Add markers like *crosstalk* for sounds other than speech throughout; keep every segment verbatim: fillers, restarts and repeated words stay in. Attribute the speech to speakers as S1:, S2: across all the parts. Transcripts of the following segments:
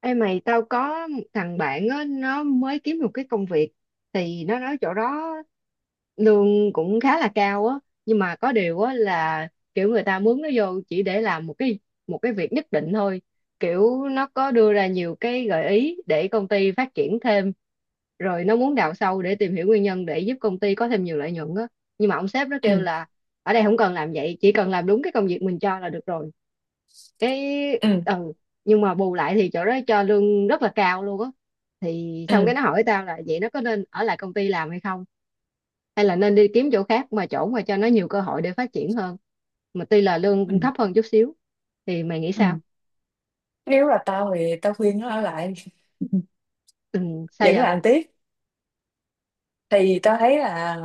S1: Ê mày, tao có một thằng bạn á, nó mới kiếm được cái công việc thì nó nói chỗ đó lương cũng khá là cao á. Nhưng mà có điều á là kiểu người ta mướn nó vô chỉ để làm một cái một cái việc nhất định thôi, kiểu nó có đưa ra nhiều cái gợi ý để công ty phát triển thêm, rồi nó muốn đào sâu để tìm hiểu nguyên nhân để giúp công ty có thêm nhiều lợi nhuận á. Nhưng mà ông sếp nó
S2: Ừ,
S1: kêu là ở đây không cần làm vậy, chỉ cần làm đúng cái công việc mình cho là được rồi. Cái
S2: ừ,
S1: ừ, nhưng mà bù lại thì chỗ đó cho lương rất là cao luôn á. Thì xong
S2: ừ,
S1: cái nó hỏi tao là vậy nó có nên ở lại công ty làm hay không, hay là nên đi kiếm chỗ khác, mà chỗ mà cho nó nhiều cơ hội để phát triển hơn mà tuy là
S2: ừ,
S1: lương thấp hơn chút xíu. Thì mày nghĩ
S2: ừ.
S1: sao?
S2: Nếu là tao thì tao khuyên nó ở lại. *laughs*
S1: Ừ, sao
S2: Vẫn
S1: vậy?
S2: làm tiếp. Thì tao thấy là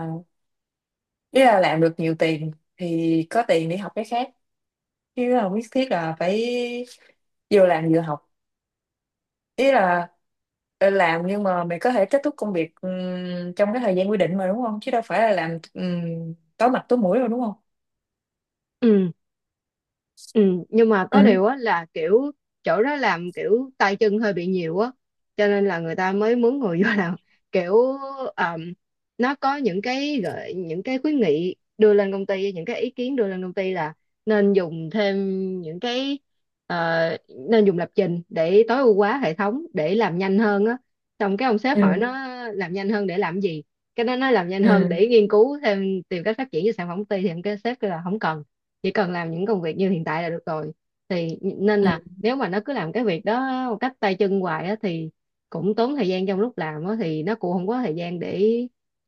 S2: nếu là làm được nhiều tiền thì có tiền để học cái khác, chứ không nhất thiết là phải vừa làm vừa học. Ý là ờ, làm, nhưng mà mày có thể kết thúc công việc ừm, trong cái thời gian quy định mà, đúng không? Chứ đâu phải là làm ừm, tối mặt tối mũi đâu, đúng không?
S1: Ừ, ừ, nhưng mà có
S2: Ừ,
S1: điều á là kiểu chỗ đó làm kiểu tay chân hơi bị nhiều á, cho nên là người ta mới mướn người vô làm kiểu, um, nó có những cái gợi những cái khuyến nghị đưa lên công ty, những cái ý kiến đưa lên công ty là nên dùng thêm những cái, ờ, nên dùng lập trình để tối ưu hóa hệ thống để làm nhanh hơn á. Xong cái ông sếp hỏi
S2: ừ,
S1: nó làm nhanh hơn để làm gì, cái nó nói làm nhanh hơn
S2: ừ,
S1: để nghiên cứu thêm, tìm cách phát triển cho sản phẩm của công ty, thì ông cái sếp kêu là không cần, chỉ cần làm những công việc như hiện tại là được rồi. Thì nên
S2: ừ,
S1: là nếu mà nó cứ làm cái việc đó một cách tay chân hoài á thì cũng tốn thời gian, trong lúc làm á thì nó cũng không có thời gian để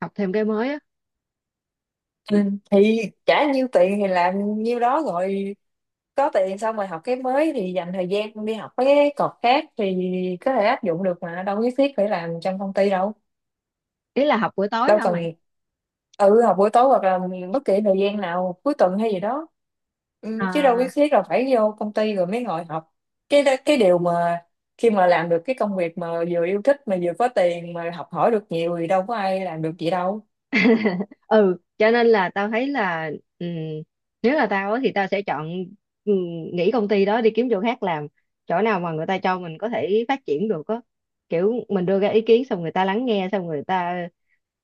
S1: học thêm cái mới á.
S2: ừ. Thì trả nhiêu tiền thì làm nhiêu đó rồi. Có tiền xong rồi học cái mới, thì dành thời gian con đi học mấy cái cột khác thì có thể áp dụng được, mà đâu nhất thiết phải làm trong công ty đâu.
S1: Ý là học buổi tối
S2: Đâu
S1: hả
S2: cần.
S1: mày?
S2: Ừ, học buổi tối hoặc là bất kỳ thời gian nào, cuối tuần hay gì đó. Ừ, chứ đâu nhất
S1: À,
S2: thiết là phải vô công ty rồi mới ngồi học. Cái cái điều mà khi mà làm được cái công việc mà vừa yêu thích mà vừa có tiền mà học hỏi được nhiều thì đâu có ai làm được gì đâu.
S1: *laughs* ừ, cho nên là tao thấy là, ừm, nếu là tao á thì tao sẽ chọn, ừm, nghỉ công ty đó đi kiếm chỗ khác làm, chỗ nào mà người ta cho mình có thể phát triển được á, kiểu mình đưa ra ý kiến xong người ta lắng nghe, xong người ta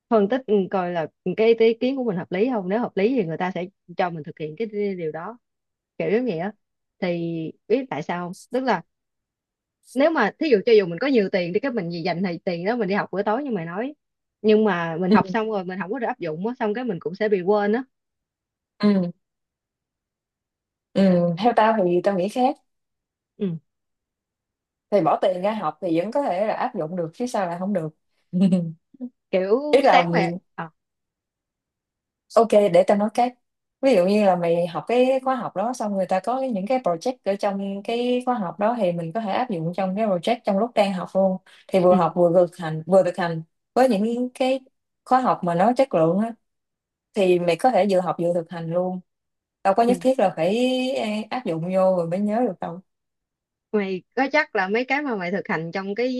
S1: phân tích ừ, coi là cái ý kiến của mình hợp lý không. Nếu hợp lý thì người ta sẽ cho mình thực hiện cái điều đó, kiểu giống vậy á. Thì biết tại sao không, tức là nếu mà thí dụ cho dù mình có nhiều tiền đi, cái mình gì dành thì tiền đó mình đi học bữa tối như mày nói, nhưng mà mình
S2: Ừ,
S1: học xong rồi mình không có được áp dụng á, xong cái mình cũng sẽ bị quên á.
S2: ừ, ừ. Theo tao thì tao nghĩ khác.
S1: Ừ.
S2: Thì bỏ tiền ra học thì vẫn có thể là áp dụng được, chứ sao là không được. *laughs* Ý
S1: Kiểu
S2: là,
S1: sáng về ờ
S2: ok, để tao nói cái ví dụ. Như là mày học cái khóa học đó, xong người ta có cái- những cái project ở trong cái khóa học đó thì mình có thể áp dụng trong cái project trong lúc đang học luôn. Thì
S1: ừ.
S2: vừa học vừa thực hành vừa thực hành với những cái khóa học mà nó chất lượng á, thì mày có thể vừa học vừa thực hành luôn, đâu có nhất
S1: ừ.
S2: thiết là phải áp dụng vô rồi mới nhớ được đâu.
S1: mày có chắc là mấy cái mà mày thực hành trong cái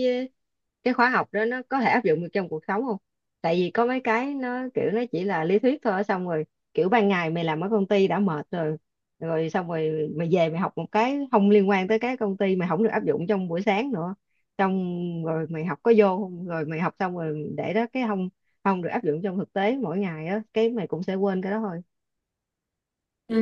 S1: cái khóa học đó nó có thể áp dụng được trong cuộc sống không? Tại vì có mấy cái nó kiểu nó chỉ là lý thuyết thôi, xong rồi kiểu ban ngày mày làm ở công ty đã mệt rồi, rồi xong rồi mày về mày học một cái không liên quan tới cái công ty, mày không được áp dụng trong buổi sáng nữa, xong rồi mày học có vô không, rồi mày học xong rồi để đó, cái không không được áp dụng trong thực tế mỗi ngày á, cái mày cũng sẽ quên cái đó thôi.
S2: Ừ.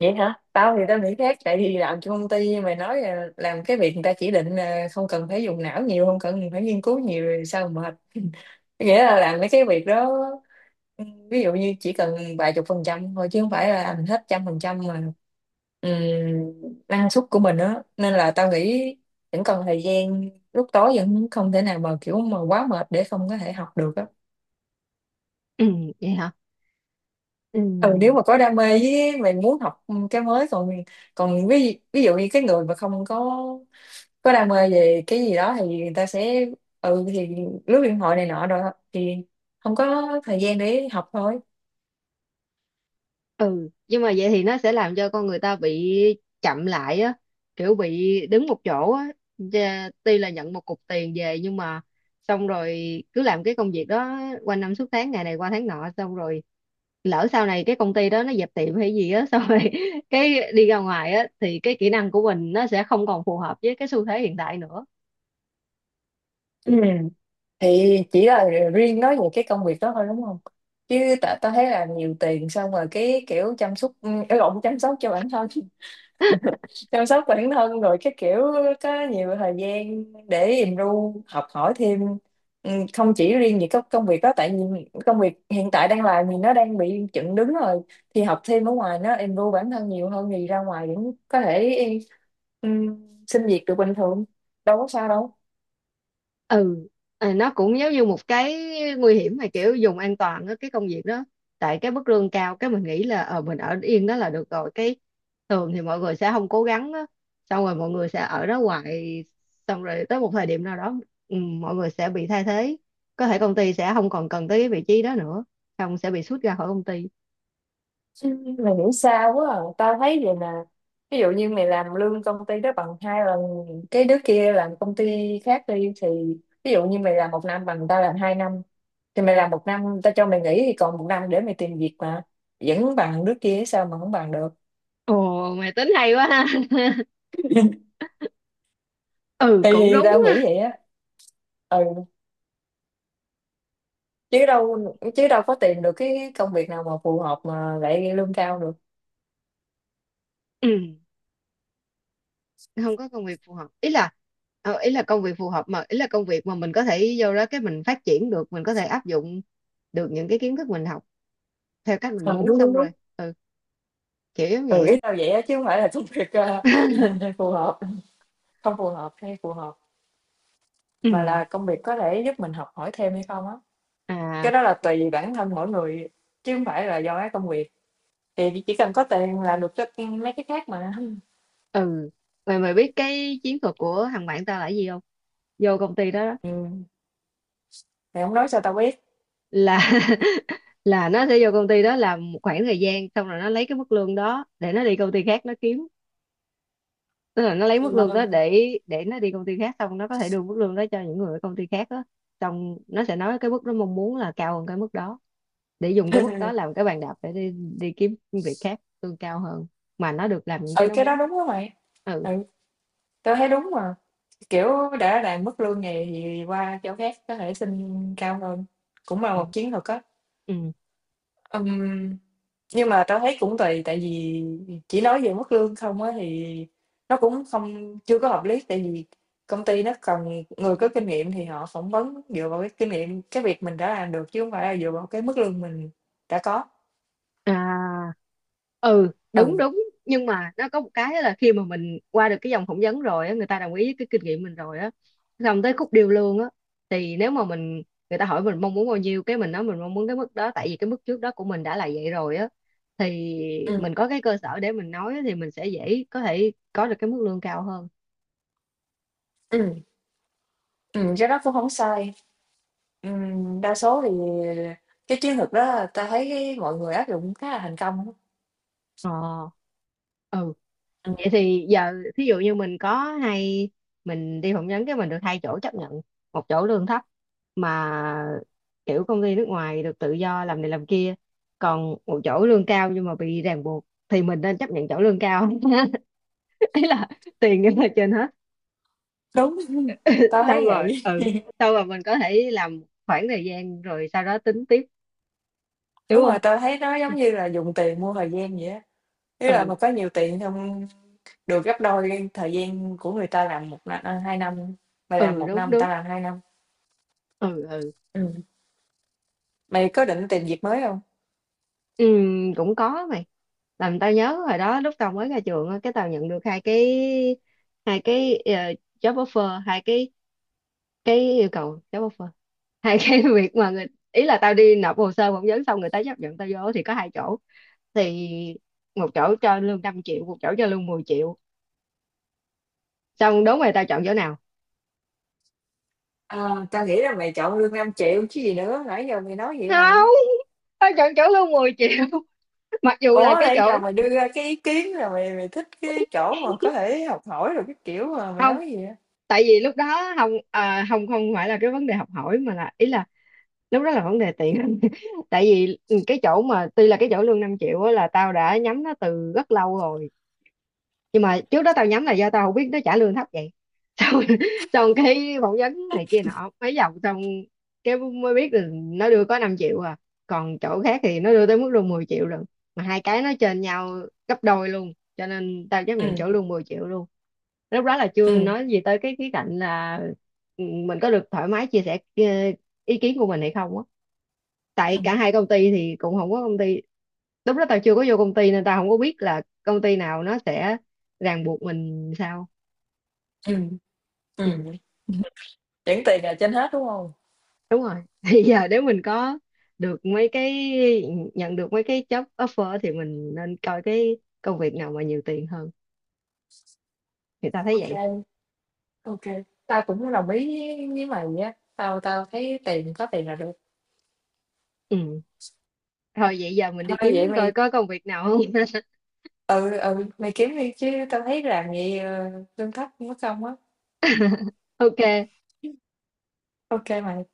S2: Vậy hả? Tao thì tao nghĩ khác. Tại vì làm cho công ty, mày nói là làm cái việc người ta chỉ định, là không cần phải dùng não nhiều, không cần phải nghiên cứu nhiều, rồi sao mà mệt? *laughs* Nghĩa là làm mấy cái việc đó ví dụ như chỉ cần vài chục phần trăm thôi, chứ không phải là làm hết trăm phần trăm mà, ừm, năng suất của mình đó, nên là tao nghĩ vẫn còn thời gian lúc tối, vẫn không thể nào mà kiểu mà quá mệt để không có thể học được á.
S1: *clears throat* vậy hả? Ừ.
S2: Ừ, nếu mà có đam mê, với mày muốn học cái mới, còn còn ví ví dụ như cái người mà không có có đam mê về cái gì đó thì người ta sẽ, ừ thì lướt điện thoại này nọ rồi, thì không có thời gian để học thôi.
S1: Ừ, nhưng mà vậy thì nó sẽ làm cho con người ta bị chậm lại á, kiểu bị đứng một chỗ á. Dạ, tuy là nhận một cục tiền về nhưng mà xong rồi cứ làm cái công việc đó qua năm suốt tháng, ngày này qua tháng nọ, xong rồi lỡ sau này cái công ty đó nó dẹp tiệm hay gì á, xong rồi *laughs* cái đi ra ngoài á thì cái kỹ năng của mình nó sẽ không còn phù hợp với cái xu thế hiện tại nữa.
S2: Ừ. Thì chỉ là riêng nói về cái công việc đó thôi, đúng không? Chứ ta, ta thấy là nhiều tiền xong rồi cái kiểu chăm sóc, ừ, lộn, chăm sóc cho bản thân. *laughs* Chăm sóc bản thân rồi cái kiểu có nhiều thời gian để im ru học hỏi thêm. Ừ, không chỉ riêng về các công việc đó, tại vì công việc hiện tại đang làm thì nó đang bị chững đứng rồi, thì học thêm ở ngoài nó im ru bản thân nhiều hơn, thì ra ngoài vẫn có thể, ừ, xin việc được bình thường, đâu có sao đâu.
S1: Ừ, à, nó cũng giống như một cái nguy hiểm mà kiểu dùng an toàn á, cái công việc đó. Tại cái mức lương cao cái mình nghĩ là ờ mình ở yên đó là được rồi, cái thường thì mọi người sẽ không cố gắng á. Xong rồi mọi người sẽ ở đó hoài, xong rồi tới một thời điểm nào đó, ừ, mọi người sẽ bị thay thế. Có thể công ty sẽ không còn cần tới cái vị trí đó nữa, không sẽ bị sút ra khỏi công ty.
S2: Ừ, mày nghĩ sao quá à? Tao thấy vậy nè. Ví dụ như mày làm lương công ty đó bằng hai lần cái đứa kia làm công ty khác đi, thì ví dụ như mày làm một năm bằng tao làm hai năm, thì mày làm một năm, tao cho mày nghỉ thì còn một năm để mày tìm việc mà vẫn bằng đứa kia, sao mà không bằng được?
S1: Ồ, mày tính hay quá ha. *laughs* ừ, cũng
S2: Thì
S1: đúng
S2: tao
S1: á.
S2: nghĩ vậy á. Ừ, chứ đâu chứ đâu có tìm được cái công việc nào mà phù hợp mà lại lương cao được.
S1: Ừ, không có công việc phù hợp, ý là, ờ, ý là công việc phù hợp mà, ý là công việc mà mình có thể vô đó cái mình phát triển được, mình có thể áp dụng được những cái kiến thức mình học theo cách mình
S2: Ừ,
S1: muốn,
S2: đúng,
S1: xong
S2: đúng, đúng.
S1: rồi. Ừ, kiểu giống vậy
S2: Ừ,
S1: á.
S2: ý tao vậy á, chứ không phải là công việc ờ,
S1: *laughs*
S2: *laughs* phù hợp, không phù hợp hay phù hợp.
S1: ừ.
S2: Mà là công việc có thể giúp mình học hỏi thêm hay không á?
S1: À.
S2: Cái đó là tùy bản thân mỗi người, chứ không phải là do cái công việc. Thì chỉ cần có tiền là được, cho ưm, mấy cái khác mà. *laughs*
S1: Ừ, mày mày biết cái chiến thuật của thằng bạn tao là cái gì không? Vô công ty đó, đó
S2: Ừm, mày không nói sao tao biết?
S1: là *laughs* là nó sẽ vô công ty đó làm một khoảng thời gian, xong rồi nó lấy cái mức lương đó để nó đi công ty khác nó kiếm. Tức là nó lấy
S2: Ừ,
S1: mức
S2: mà—
S1: lương đó để để nó đi công ty khác, xong nó có thể đưa mức lương đó cho những người ở công ty khác đó. Xong nó sẽ nói cái mức nó mong muốn là cao hơn cái mức đó, để dùng cái mức đó làm cái bàn đạp để đi đi kiếm việc khác lương cao hơn mà nó được làm những cái
S2: ừ,
S1: nó
S2: cái đó
S1: muốn.
S2: đúng á mày,
S1: Ừ,
S2: ừ, tao thấy đúng mà, kiểu, đã làm mức lương này thì qua chỗ khác có thể xin cao hơn, cũng là một chiến thuật á.
S1: ừ
S2: Ừm. Nhưng mà tao thấy cũng tùy, tại vì chỉ nói về mức lương không á thì nó cũng không, chưa có hợp lý, tại vì công ty nó cần người có kinh nghiệm thì họ phỏng vấn dựa vào cái kinh nghiệm, cái việc mình đã làm được, chứ không phải là dựa vào cái mức lương mình đã có.
S1: à, ừ, đúng
S2: Ừ,
S1: đúng, nhưng mà nó có một cái là khi mà mình qua được cái vòng phỏng vấn rồi á, người ta đồng ý với cái kinh nghiệm mình rồi á, xong tới khúc điêu lương á, thì nếu mà mình, người ta hỏi mình mong muốn bao nhiêu, cái mình nói mình mong muốn cái mức đó tại vì cái mức trước đó của mình đã là vậy rồi á, thì
S2: ừ,
S1: mình có cái cơ sở để mình nói thì mình sẽ dễ có thể có được cái mức lương cao hơn.
S2: ừ, ừ, cái đó cũng không sai. Ừm, đa số thì cái chiến lược đó tao thấy cái mọi người áp dụng khá là thành công á.
S1: Ờ, ừ.
S2: Ừ,
S1: Vậy thì giờ thí dụ như mình có, hay mình đi phỏng vấn cái mình được hai chỗ chấp nhận, một chỗ lương thấp mà kiểu công ty nước ngoài, được tự do làm này làm kia, còn một chỗ lương cao nhưng mà bị ràng buộc, thì mình nên chấp nhận chỗ lương cao. *laughs* Ý là tiền nhưng mà trên hết.
S2: đúng, tao thấy
S1: Xong rồi
S2: vậy.
S1: ừ, xong rồi mình có thể làm khoảng thời gian rồi sau đó tính tiếp,
S2: *laughs*
S1: đúng
S2: Đúng
S1: không?
S2: rồi, tao thấy nó giống như là dùng tiền mua thời gian vậy á. Ý là
S1: Ừ,
S2: mà có nhiều tiền, không được gấp đôi cái thời gian của người ta làm một năm, à, hai năm, mày làm
S1: ừ
S2: một
S1: đúng
S2: năm, người ta
S1: đúng.
S2: làm hai năm.
S1: Ừ ừ.
S2: Ừm. Mày có định tìm việc mới không?
S1: Ừ, cũng có mày. Làm tao nhớ hồi đó lúc tao mới ra trường á, cái tao nhận được hai cái hai cái ờ, job offer, hai cái cái yêu cầu job offer, hai *laughs* cái việc mà người, ý là tao đi nộp hồ sơ phỏng vấn xong người ta chấp nhận tao vô thì có hai chỗ, thì một chỗ cho lương năm triệu, một chỗ cho lương mười triệu. Xong đố mày tao chọn chỗ nào?
S2: Ờ, tao nghĩ là mày chọn lương năm triệu chứ gì nữa, nãy giờ mày nói vậy mà.
S1: Không, tao chọn chỗ lương mười triệu. *laughs* mặc dù là
S2: Ủa,
S1: cái
S2: nãy giờ
S1: chỗ,
S2: mày đưa ra cái ý kiến là mày mày thích cái chỗ mà có thể học hỏi rồi cái kiểu mà, mày
S1: không,
S2: nói gì vậy?
S1: tại vì lúc đó không, à, không không phải là cái vấn đề học hỏi mà là, ý là lúc đó là vấn đề tiền. *laughs* tại vì ừ, cái chỗ mà tuy là cái chỗ lương năm triệu á là tao đã nhắm nó từ rất lâu rồi, nhưng mà trước đó tao nhắm là do tao không biết nó trả lương thấp vậy. Xong, *laughs* xong cái phỏng vấn này kia nọ mấy vòng, xong cái mới biết là nó đưa có năm triệu à, còn chỗ khác thì nó đưa tới mức luôn mười triệu rồi, mà hai cái nó trên nhau gấp đôi luôn, cho nên tao chấp
S2: Ừ,
S1: nhận chỗ luôn mười triệu luôn. Lúc đó là chưa
S2: ừ,
S1: nói gì tới cái khía cạnh là, ừ, mình có được thoải mái chia sẻ ừ, ý kiến của mình hay không á. Tại
S2: ừ.
S1: cả hai công ty thì cũng không có công ty, lúc đó tao chưa có vô công ty nên tao không có biết là công ty nào nó sẽ ràng buộc mình sao.
S2: ừm,
S1: Ừ,
S2: ừm, Vẫn tiền là trên hết, đúng không?
S1: đúng rồi, *laughs* thì giờ nếu mình có được mấy cái, nhận được mấy cái job offer thì mình nên coi cái công việc nào mà nhiều tiền hơn, thì tao thấy
S2: Ok,
S1: vậy.
S2: ok, tao cũng đồng ý với với mày á, tao tao thấy tiền, có tiền là được.
S1: Ừ. Thôi vậy giờ mình
S2: Thôi
S1: đi kiếm
S2: vậy
S1: coi
S2: mày.
S1: có công việc nào không. *laughs*
S2: Ừ, ừ, mày kiếm đi, chứ tao thấy làm vậy, ờ, lương thấp mất công á.
S1: ok.
S2: OK mày.